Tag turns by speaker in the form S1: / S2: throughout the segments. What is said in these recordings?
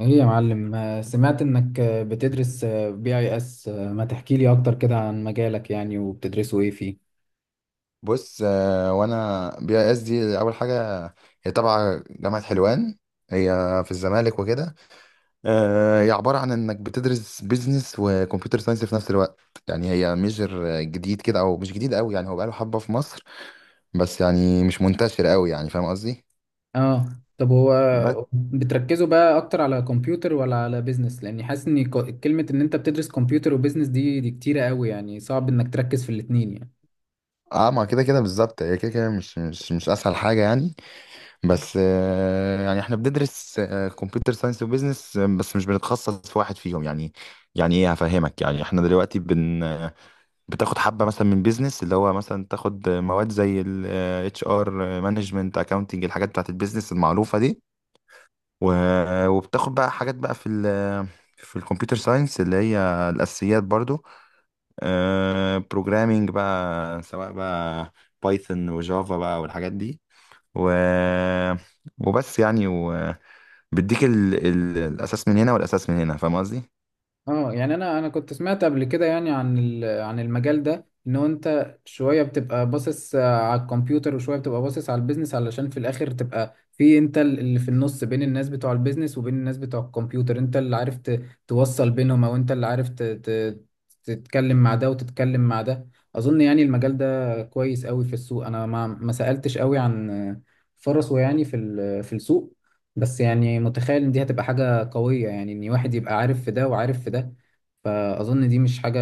S1: ايه يا معلم، سمعت انك بتدرس بي اي اس. ما تحكي لي اكتر كده عن مجالك يعني وبتدرسوا ايه فيه؟
S2: بص، وانا BIS-D اول حاجه. هي تبع جامعه حلوان، هي في الزمالك وكده. هي عباره عن انك بتدرس بيزنس وكمبيوتر ساينس في نفس الوقت. يعني هي ميجر جديد كده او مش جديد قوي، يعني هو بقاله حبه في مصر، بس يعني مش منتشر قوي، يعني فاهم قصدي.
S1: اه طب هو
S2: بس
S1: بتركزوا بقى اكتر على كمبيوتر ولا على بيزنس؟ لاني حاسس ان كلمة ان انت بتدرس كمبيوتر وبيزنس دي كتيرة قوي يعني، صعب انك تركز في الاتنين يعني.
S2: اه، ما كده كده بالظبط، هي كده كده مش اسهل حاجه يعني. بس يعني احنا بندرس كمبيوتر ساينس وبزنس، بس مش بنتخصص في واحد فيهم يعني. يعني ايه هفهمك، يعني احنا دلوقتي بن آه، بتاخد حبة مثلا من بزنس، اللي هو مثلا تاخد مواد زي ال HR مانجمنت اكاونتنج، الحاجات بتاعت البيزنس المعروفة دي، وبتاخد بقى حاجات بقى في ال آه، في الكمبيوتر ساينس، اللي هي الاساسيات برضو، بروجرامينج بقى، سواء بقى بايثون وجافا بقى والحاجات دي. و آه، وبس يعني بيديك الاساس من هنا والاساس من هنا، فاهم قصدي.
S1: اه يعني انا كنت سمعت قبل كده يعني عن عن المجال ده، ان هو انت شويه بتبقى باصص على الكمبيوتر وشويه بتبقى باصص على البيزنس، علشان في الاخر تبقى في انت اللي في النص بين الناس بتوع البيزنس وبين الناس بتوع الكمبيوتر، انت اللي عارف توصل بينهم، او انت اللي عارف تتكلم مع ده وتتكلم مع ده. اظن يعني المجال ده كويس قوي في السوق، انا ما سألتش قوي عن فرصه يعني في في السوق، بس يعني متخيل ان دي هتبقى حاجة قوية يعني، ان واحد يبقى عارف في ده وعارف في ده. فاظن دي مش حاجة،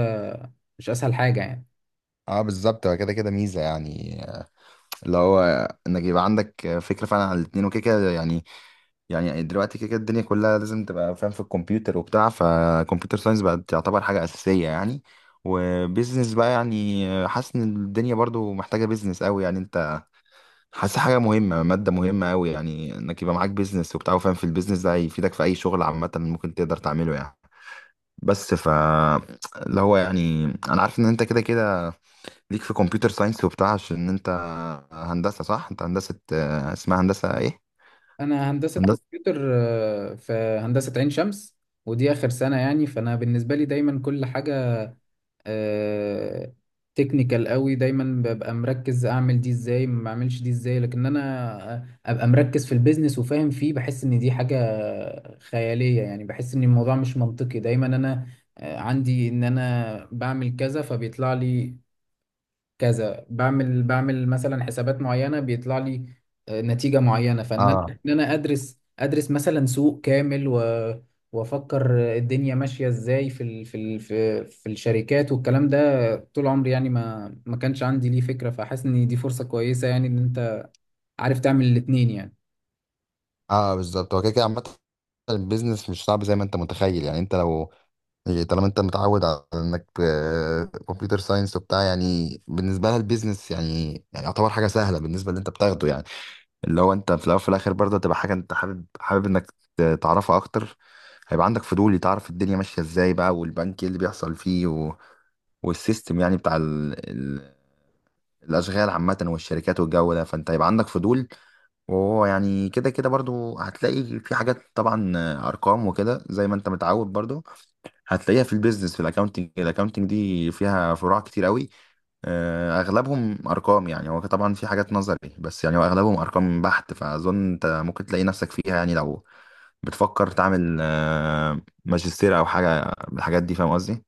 S1: مش اسهل حاجة يعني.
S2: اه، بالظبط هو كده كده ميزه يعني، اللي هو انك يبقى عندك فكره فعلا على الاتنين وكده كده يعني. يعني دلوقتي كده كده الدنيا كلها لازم تبقى فاهم في الكمبيوتر وبتاع، فكمبيوتر ساينس بقت تعتبر حاجه اساسيه يعني. وبيزنس بقى يعني حاسس ان الدنيا برضو محتاجه بيزنس قوي يعني، انت حاسس حاجه مهمه، ماده مهمه قوي يعني، انك يبقى معاك بيزنس وبتاع وفاهم في البيزنس، ده هيفيدك في اي شغل عامه ممكن تقدر تعمله يعني. بس ف اللي هو يعني انا عارف ان انت كده كده ليك في كمبيوتر ساينس وبتاع، عشان انت هندسه صح؟ انت هندسه اسمها هندسه ايه؟
S1: انا هندسة
S2: هندسه.
S1: كمبيوتر في هندسة عين شمس، ودي اخر سنة يعني. فانا بالنسبة لي دايما كل حاجة تكنيكال قوي، دايما ببقى مركز اعمل دي ازاي ما اعملش دي ازاي، لكن انا ابقى مركز في البيزنس وفاهم فيه بحس ان دي حاجة خيالية يعني. بحس ان الموضوع مش منطقي، دايما انا عندي ان انا بعمل كذا فبيطلع لي كذا، بعمل مثلا حسابات معينه بيطلع لي نتيجه معينه. فان انا
S2: اه،
S1: ان انا ادرس مثلا سوق كامل و وافكر الدنيا ماشيه ازاي في ال... في ال... في في الشركات والكلام ده، طول عمري يعني ما كانش عندي ليه فكره. فحاسس ان دي فرصه كويسه يعني، ان انت عارف تعمل الاتنين يعني.
S2: اه بالظبط هو كده كده عامة البيزنس مش صعب زي ما انت متخيل يعني. انت لو يعني طالما انت متعود على انك كمبيوتر ساينس وبتاع، يعني بالنسبه لها البيزنس يعني يعني يعتبر حاجه سهله بالنسبه اللي انت بتاخده يعني. اللي هو انت في الاول وفي الاخر برضه هتبقى حاجه انت حابب حابب انك تعرفها اكتر، هيبقى عندك فضول تعرف الدنيا ماشيه ازاي بقى، والبنك ايه اللي بيحصل فيه، والسيستم يعني بتاع الاشغال عامه والشركات والجو ده، فانت هيبقى عندك فضول. وهو يعني كده كده برضه هتلاقي في حاجات طبعا، ارقام وكده زي ما انت متعود برضه هتلاقيها في البيزنس في الاكونتنج، الاكونتنج دي فيها فروع كتير قوي، اغلبهم ارقام يعني. هو طبعا في حاجات نظري بس يعني هو اغلبهم ارقام بحت، فاظن انت ممكن تلاقي نفسك فيها يعني، لو بتفكر تعمل ماجستير او حاجه من الحاجات دي، فاهم قصدي.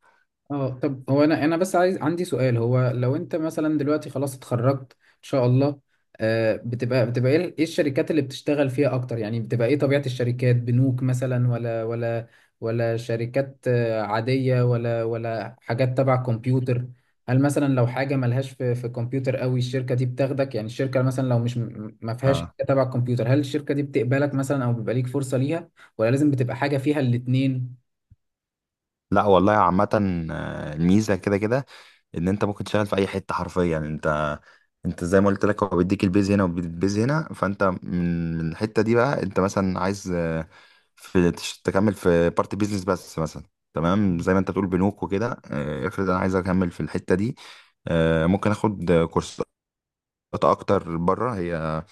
S1: اه طب هو انا بس عايز، عندي سؤال، هو لو انت مثلا دلوقتي خلاص اتخرجت ان شاء الله، بتبقى إيه الشركات اللي بتشتغل فيها اكتر يعني؟ بتبقى ايه طبيعة الشركات، بنوك مثلا ولا شركات عادية ولا حاجات تبع كمبيوتر؟ هل مثلا لو حاجة ملهاش في في كمبيوتر قوي الشركة دي بتاخدك يعني؟ الشركة مثلا لو مش ما فيهاش
S2: اه،
S1: حاجة تبع كمبيوتر، هل الشركة دي بتقبلك مثلا او بيبقى ليك فرصة ليها، ولا لازم بتبقى حاجة فيها الاتنين؟
S2: لا والله عامه الميزه كده كده ان انت ممكن تشتغل في اي حته حرفيا يعني. انت زي ما قلت لك هو بيديك البيز هنا وبيديك هنا، فانت من الحته دي بقى انت مثلا عايز في تكمل في بارت بيزنس بس مثلا، تمام زي ما انت بتقول بنوك وكده. افرض انا عايز اكمل في الحته دي، ممكن اخد كورسات اكتر بره. هي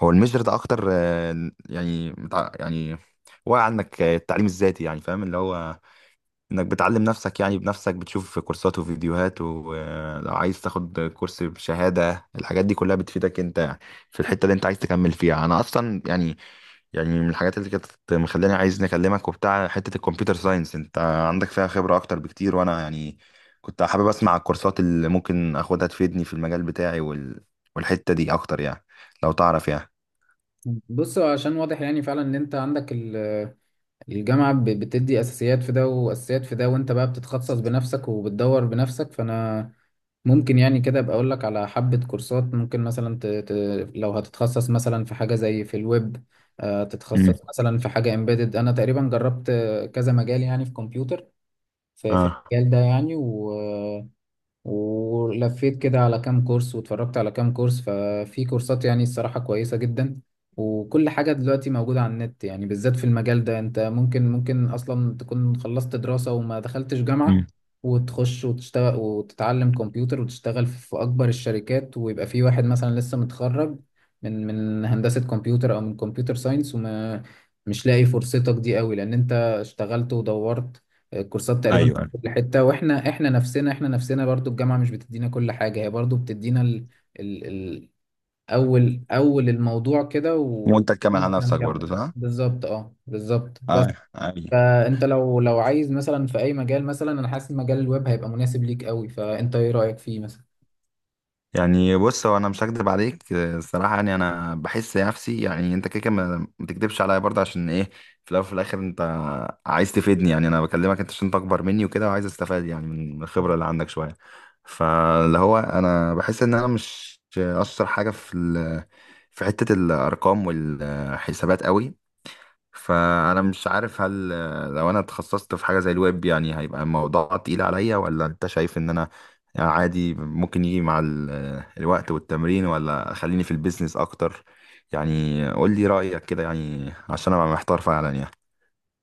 S2: هو الميجر ده اكتر يعني يعني واقع عنك التعليم الذاتي يعني، فاهم اللي هو انك بتعلم نفسك يعني بنفسك، بتشوف كورسات وفيديوهات، ولو عايز تاخد كورس بشهادة، الحاجات دي كلها بتفيدك انت يعني في الحتة اللي انت عايز تكمل فيها. انا اصلا يعني يعني من الحاجات اللي كانت مخلاني عايز نكلمك وبتاع حتة الكمبيوتر ساينس، انت عندك فيها خبرة اكتر بكتير، وانا يعني كنت حابب اسمع الكورسات اللي ممكن اخدها تفيدني في المجال بتاعي، والحتة دي اكتر يعني لو تعرف يعني.
S1: بص، عشان واضح يعني فعلا ان انت عندك الجامعة بتدي اساسيات في ده واساسيات في ده، وانت بقى بتتخصص بنفسك وبتدور بنفسك. فانا ممكن يعني كده ابقى اقول لك على حبة كورسات، ممكن مثلا لو هتتخصص مثلا في حاجة زي في الويب،
S2: امم
S1: تتخصص مثلا في حاجة امبيدد. انا تقريبا جربت كذا مجال يعني في كمبيوتر، في
S2: اه،
S1: المجال ده يعني، ولفيت كده على كام كورس واتفرجت على كام كورس. ففي كورسات يعني الصراحة كويسة جدا، وكل حاجة دلوقتي موجودة على النت يعني، بالذات في المجال ده. انت ممكن، ممكن اصلا تكون خلصت دراسة وما دخلتش جامعة
S2: امم
S1: وتخش وتشتغل وتتعلم كمبيوتر وتشتغل في اكبر الشركات، ويبقى في واحد مثلا لسه متخرج من من هندسة كمبيوتر او من كمبيوتر ساينس وما مش لاقي فرصتك دي قوي، لان انت اشتغلت ودورت الكورسات تقريبا
S2: ايوه، أيوة.
S1: الحتة. واحنا احنا نفسنا برضو الجامعة مش بتدينا كل حاجة، هي برضو بتدينا ال... ال... اول الموضوع كده،
S2: وانت تكمل
S1: وإن
S2: على
S1: احنا
S2: نفسك برضه
S1: نكمل.
S2: صح؟
S1: بالظبط، اه بالظبط بس.
S2: اه، ايوه.
S1: فانت لو عايز مثلا في اي مجال، مثلا انا حاسس مجال الويب هيبقى مناسب ليك قوي، فانت ايه رأيك فيه مثلا؟
S2: يعني بص هو انا مش هكدب عليك، الصراحه يعني انا بحس نفسي، يعني انت كده كده ما تكدبش عليا برضه عشان ايه، في الاول وفي الاخر انت عايز تفيدني يعني. انا بكلمك انت عشان انت اكبر مني وكده، وعايز استفاد يعني من الخبره اللي عندك شويه. فاللي هو انا بحس ان انا مش اشطر حاجه في في حته الارقام والحسابات قوي. فانا مش عارف هل لو انا اتخصصت في حاجه زي الويب يعني هيبقى الموضوع تقيل عليا، ولا انت شايف ان انا عادي ممكن يجي مع الوقت والتمرين، ولا خليني في البيزنس اكتر. يعني قول لي رايك كده يعني عشان ابقى محتار فعلا يعني.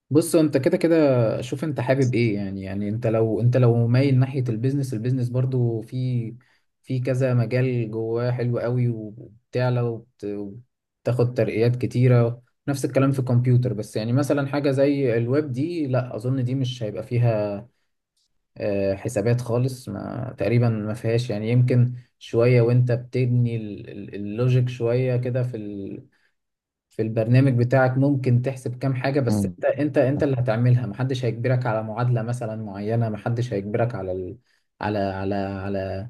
S1: بص، انت كده كده شوف انت حابب ايه يعني. يعني انت لو، انت لو مايل ناحية البيزنس، البيزنس برضو في في كذا مجال جواه حلو قوي، وبتعلى وبتاخد ترقيات كتيرة. نفس الكلام في الكمبيوتر. بس يعني مثلا حاجة زي الويب دي، لا اظن دي مش هيبقى فيها حسابات خالص، ما تقريبا ما فيهاش يعني. يمكن شوية وانت بتبني اللوجيك شوية كده في في البرنامج بتاعك، ممكن تحسب كام حاجة، بس
S2: مم.
S1: انت، انت انت اللي هتعملها، محدش هيجبرك على معادلة مثلا معينة، محدش هيجبرك على ال... على على على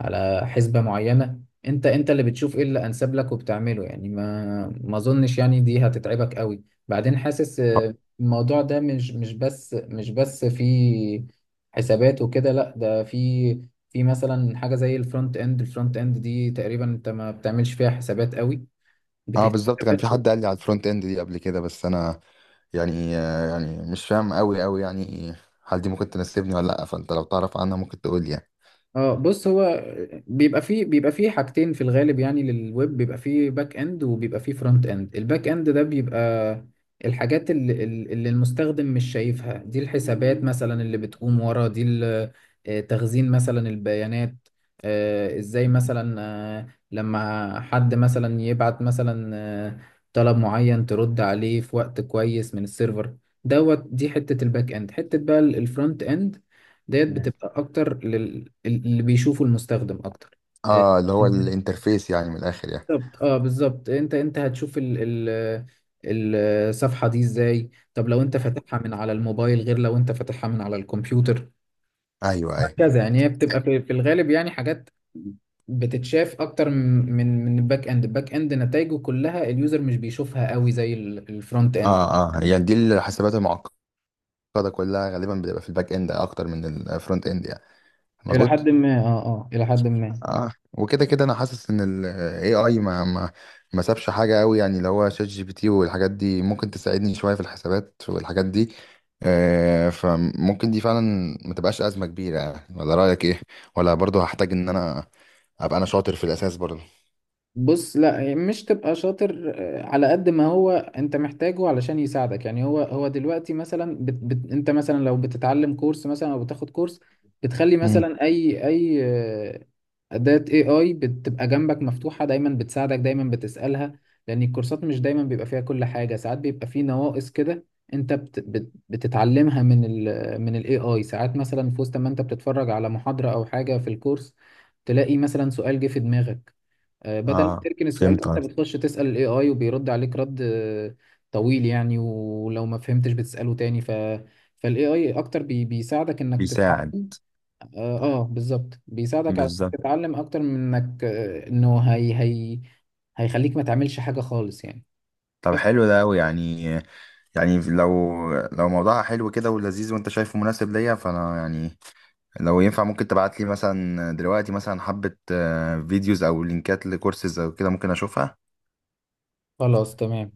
S1: على حسبة معينة. انت، انت اللي بتشوف ايه اللي انسب لك وبتعمله يعني. ما ما اظنش يعني دي هتتعبك قوي. بعدين حاسس الموضوع ده مش بس في حسابات وكده، لا، ده في في مثلا حاجة زي الفرونت اند. الفرونت اند دي تقريبا انت ما بتعملش فيها حسابات قوي،
S2: اه،
S1: بتهتم.
S2: بالظبط كان في حد قال لي على الفرونت اند دي قبل كده، بس انا يعني يعني مش فاهم قوي قوي يعني، هل دي ممكن تناسبني ولا لا؟ فانت لو تعرف عنها ممكن تقول لي يعني.
S1: اه بص، هو بيبقى فيه حاجتين في الغالب يعني للويب، بيبقى فيه باك اند وبيبقى فيه فرونت اند. الباك اند ده بيبقى الحاجات اللي المستخدم مش شايفها دي، الحسابات مثلا اللي بتقوم ورا دي، تخزين مثلا البيانات، ازاي مثلا لما حد مثلا يبعت مثلا آه، طلب معين ترد عليه في وقت كويس من السيرفر دوت. دي حتة الباك اند. حتة بقى الفرونت اند ديت
S2: مم.
S1: بتبقى اكتر اللي بيشوفه المستخدم اكتر آه،
S2: اه، اللي هو
S1: إزاي؟
S2: الانترفيس يعني من الاخر يعني.
S1: بالظبط، اه بالظبط. انت، انت هتشوف ال... الصفحة دي ازاي، طب لو انت فاتحها من على الموبايل غير لو انت فاتحها من على الكمبيوتر،
S2: ايوه، ايوه.
S1: وهكذا يعني. هي بتبقى في الغالب يعني حاجات بتتشاف اكتر من الباك اند. الباك اند نتائجه كلها اليوزر مش بيشوفها قوي زي الفرونت اند.
S2: اه، اه يعني دي الحسابات المعقده كلها غالبا بتبقى في الباك اند اكتر من الفرونت اند يعني.
S1: الى
S2: مظبوط.
S1: حد ما، اه اه الى حد ما.
S2: اه، وكده كده انا حاسس ان الAI ما سابش حاجه قوي يعني، اللي هو ChatGPT والحاجات دي ممكن تساعدني شويه في الحسابات والحاجات دي. آه فممكن دي فعلا ما تبقاش ازمه كبيره يعني. ولا رايك ايه؟ ولا برضو هحتاج ان انا ابقى انا شاطر في الاساس برضو.
S1: بص، لا مش تبقى شاطر على قد ما هو انت محتاجه علشان يساعدك يعني. هو، هو دلوقتي مثلا بت بت انت مثلا لو بتتعلم كورس مثلا او بتاخد كورس، بتخلي
S2: مم.
S1: مثلا اي اي اداة اي اي بتبقى جنبك مفتوحة دايما، بتساعدك دايما، بتسألها. لان الكورسات مش دايما بيبقى فيها كل حاجة، ساعات بيبقى فيه نواقص كده انت بت بت بتتعلمها من ال من الاي اي. ساعات مثلا في وسط ما انت بتتفرج على محاضرة او حاجة في الكورس، تلاقي مثلا سؤال جه في دماغك، بدل ما
S2: اه،
S1: تركن السؤال ده
S2: فهمت
S1: انت
S2: قصدك.
S1: بتخش تسأل الاي اي وبيرد عليك رد طويل يعني، ولو ما فهمتش بتسأله تاني. فالاي اي اكتر بيساعدك انك
S2: بيساعد.
S1: تتعلم. اه, آه بالظبط، بيساعدك على انك تتعلم اكتر من انك آه، انه هي هي هيخليك ما تعملش حاجة خالص يعني.
S2: طب
S1: بس
S2: حلو ده أوي يعني. يعني لو موضوعها حلو كده ولذيذ وانت شايفه مناسب ليا، فانا يعني لو ينفع ممكن تبعت لي مثلا دلوقتي مثلا حبة فيديوز او لينكات لكورسز او كده، ممكن اشوفها.
S1: خلاص تمام.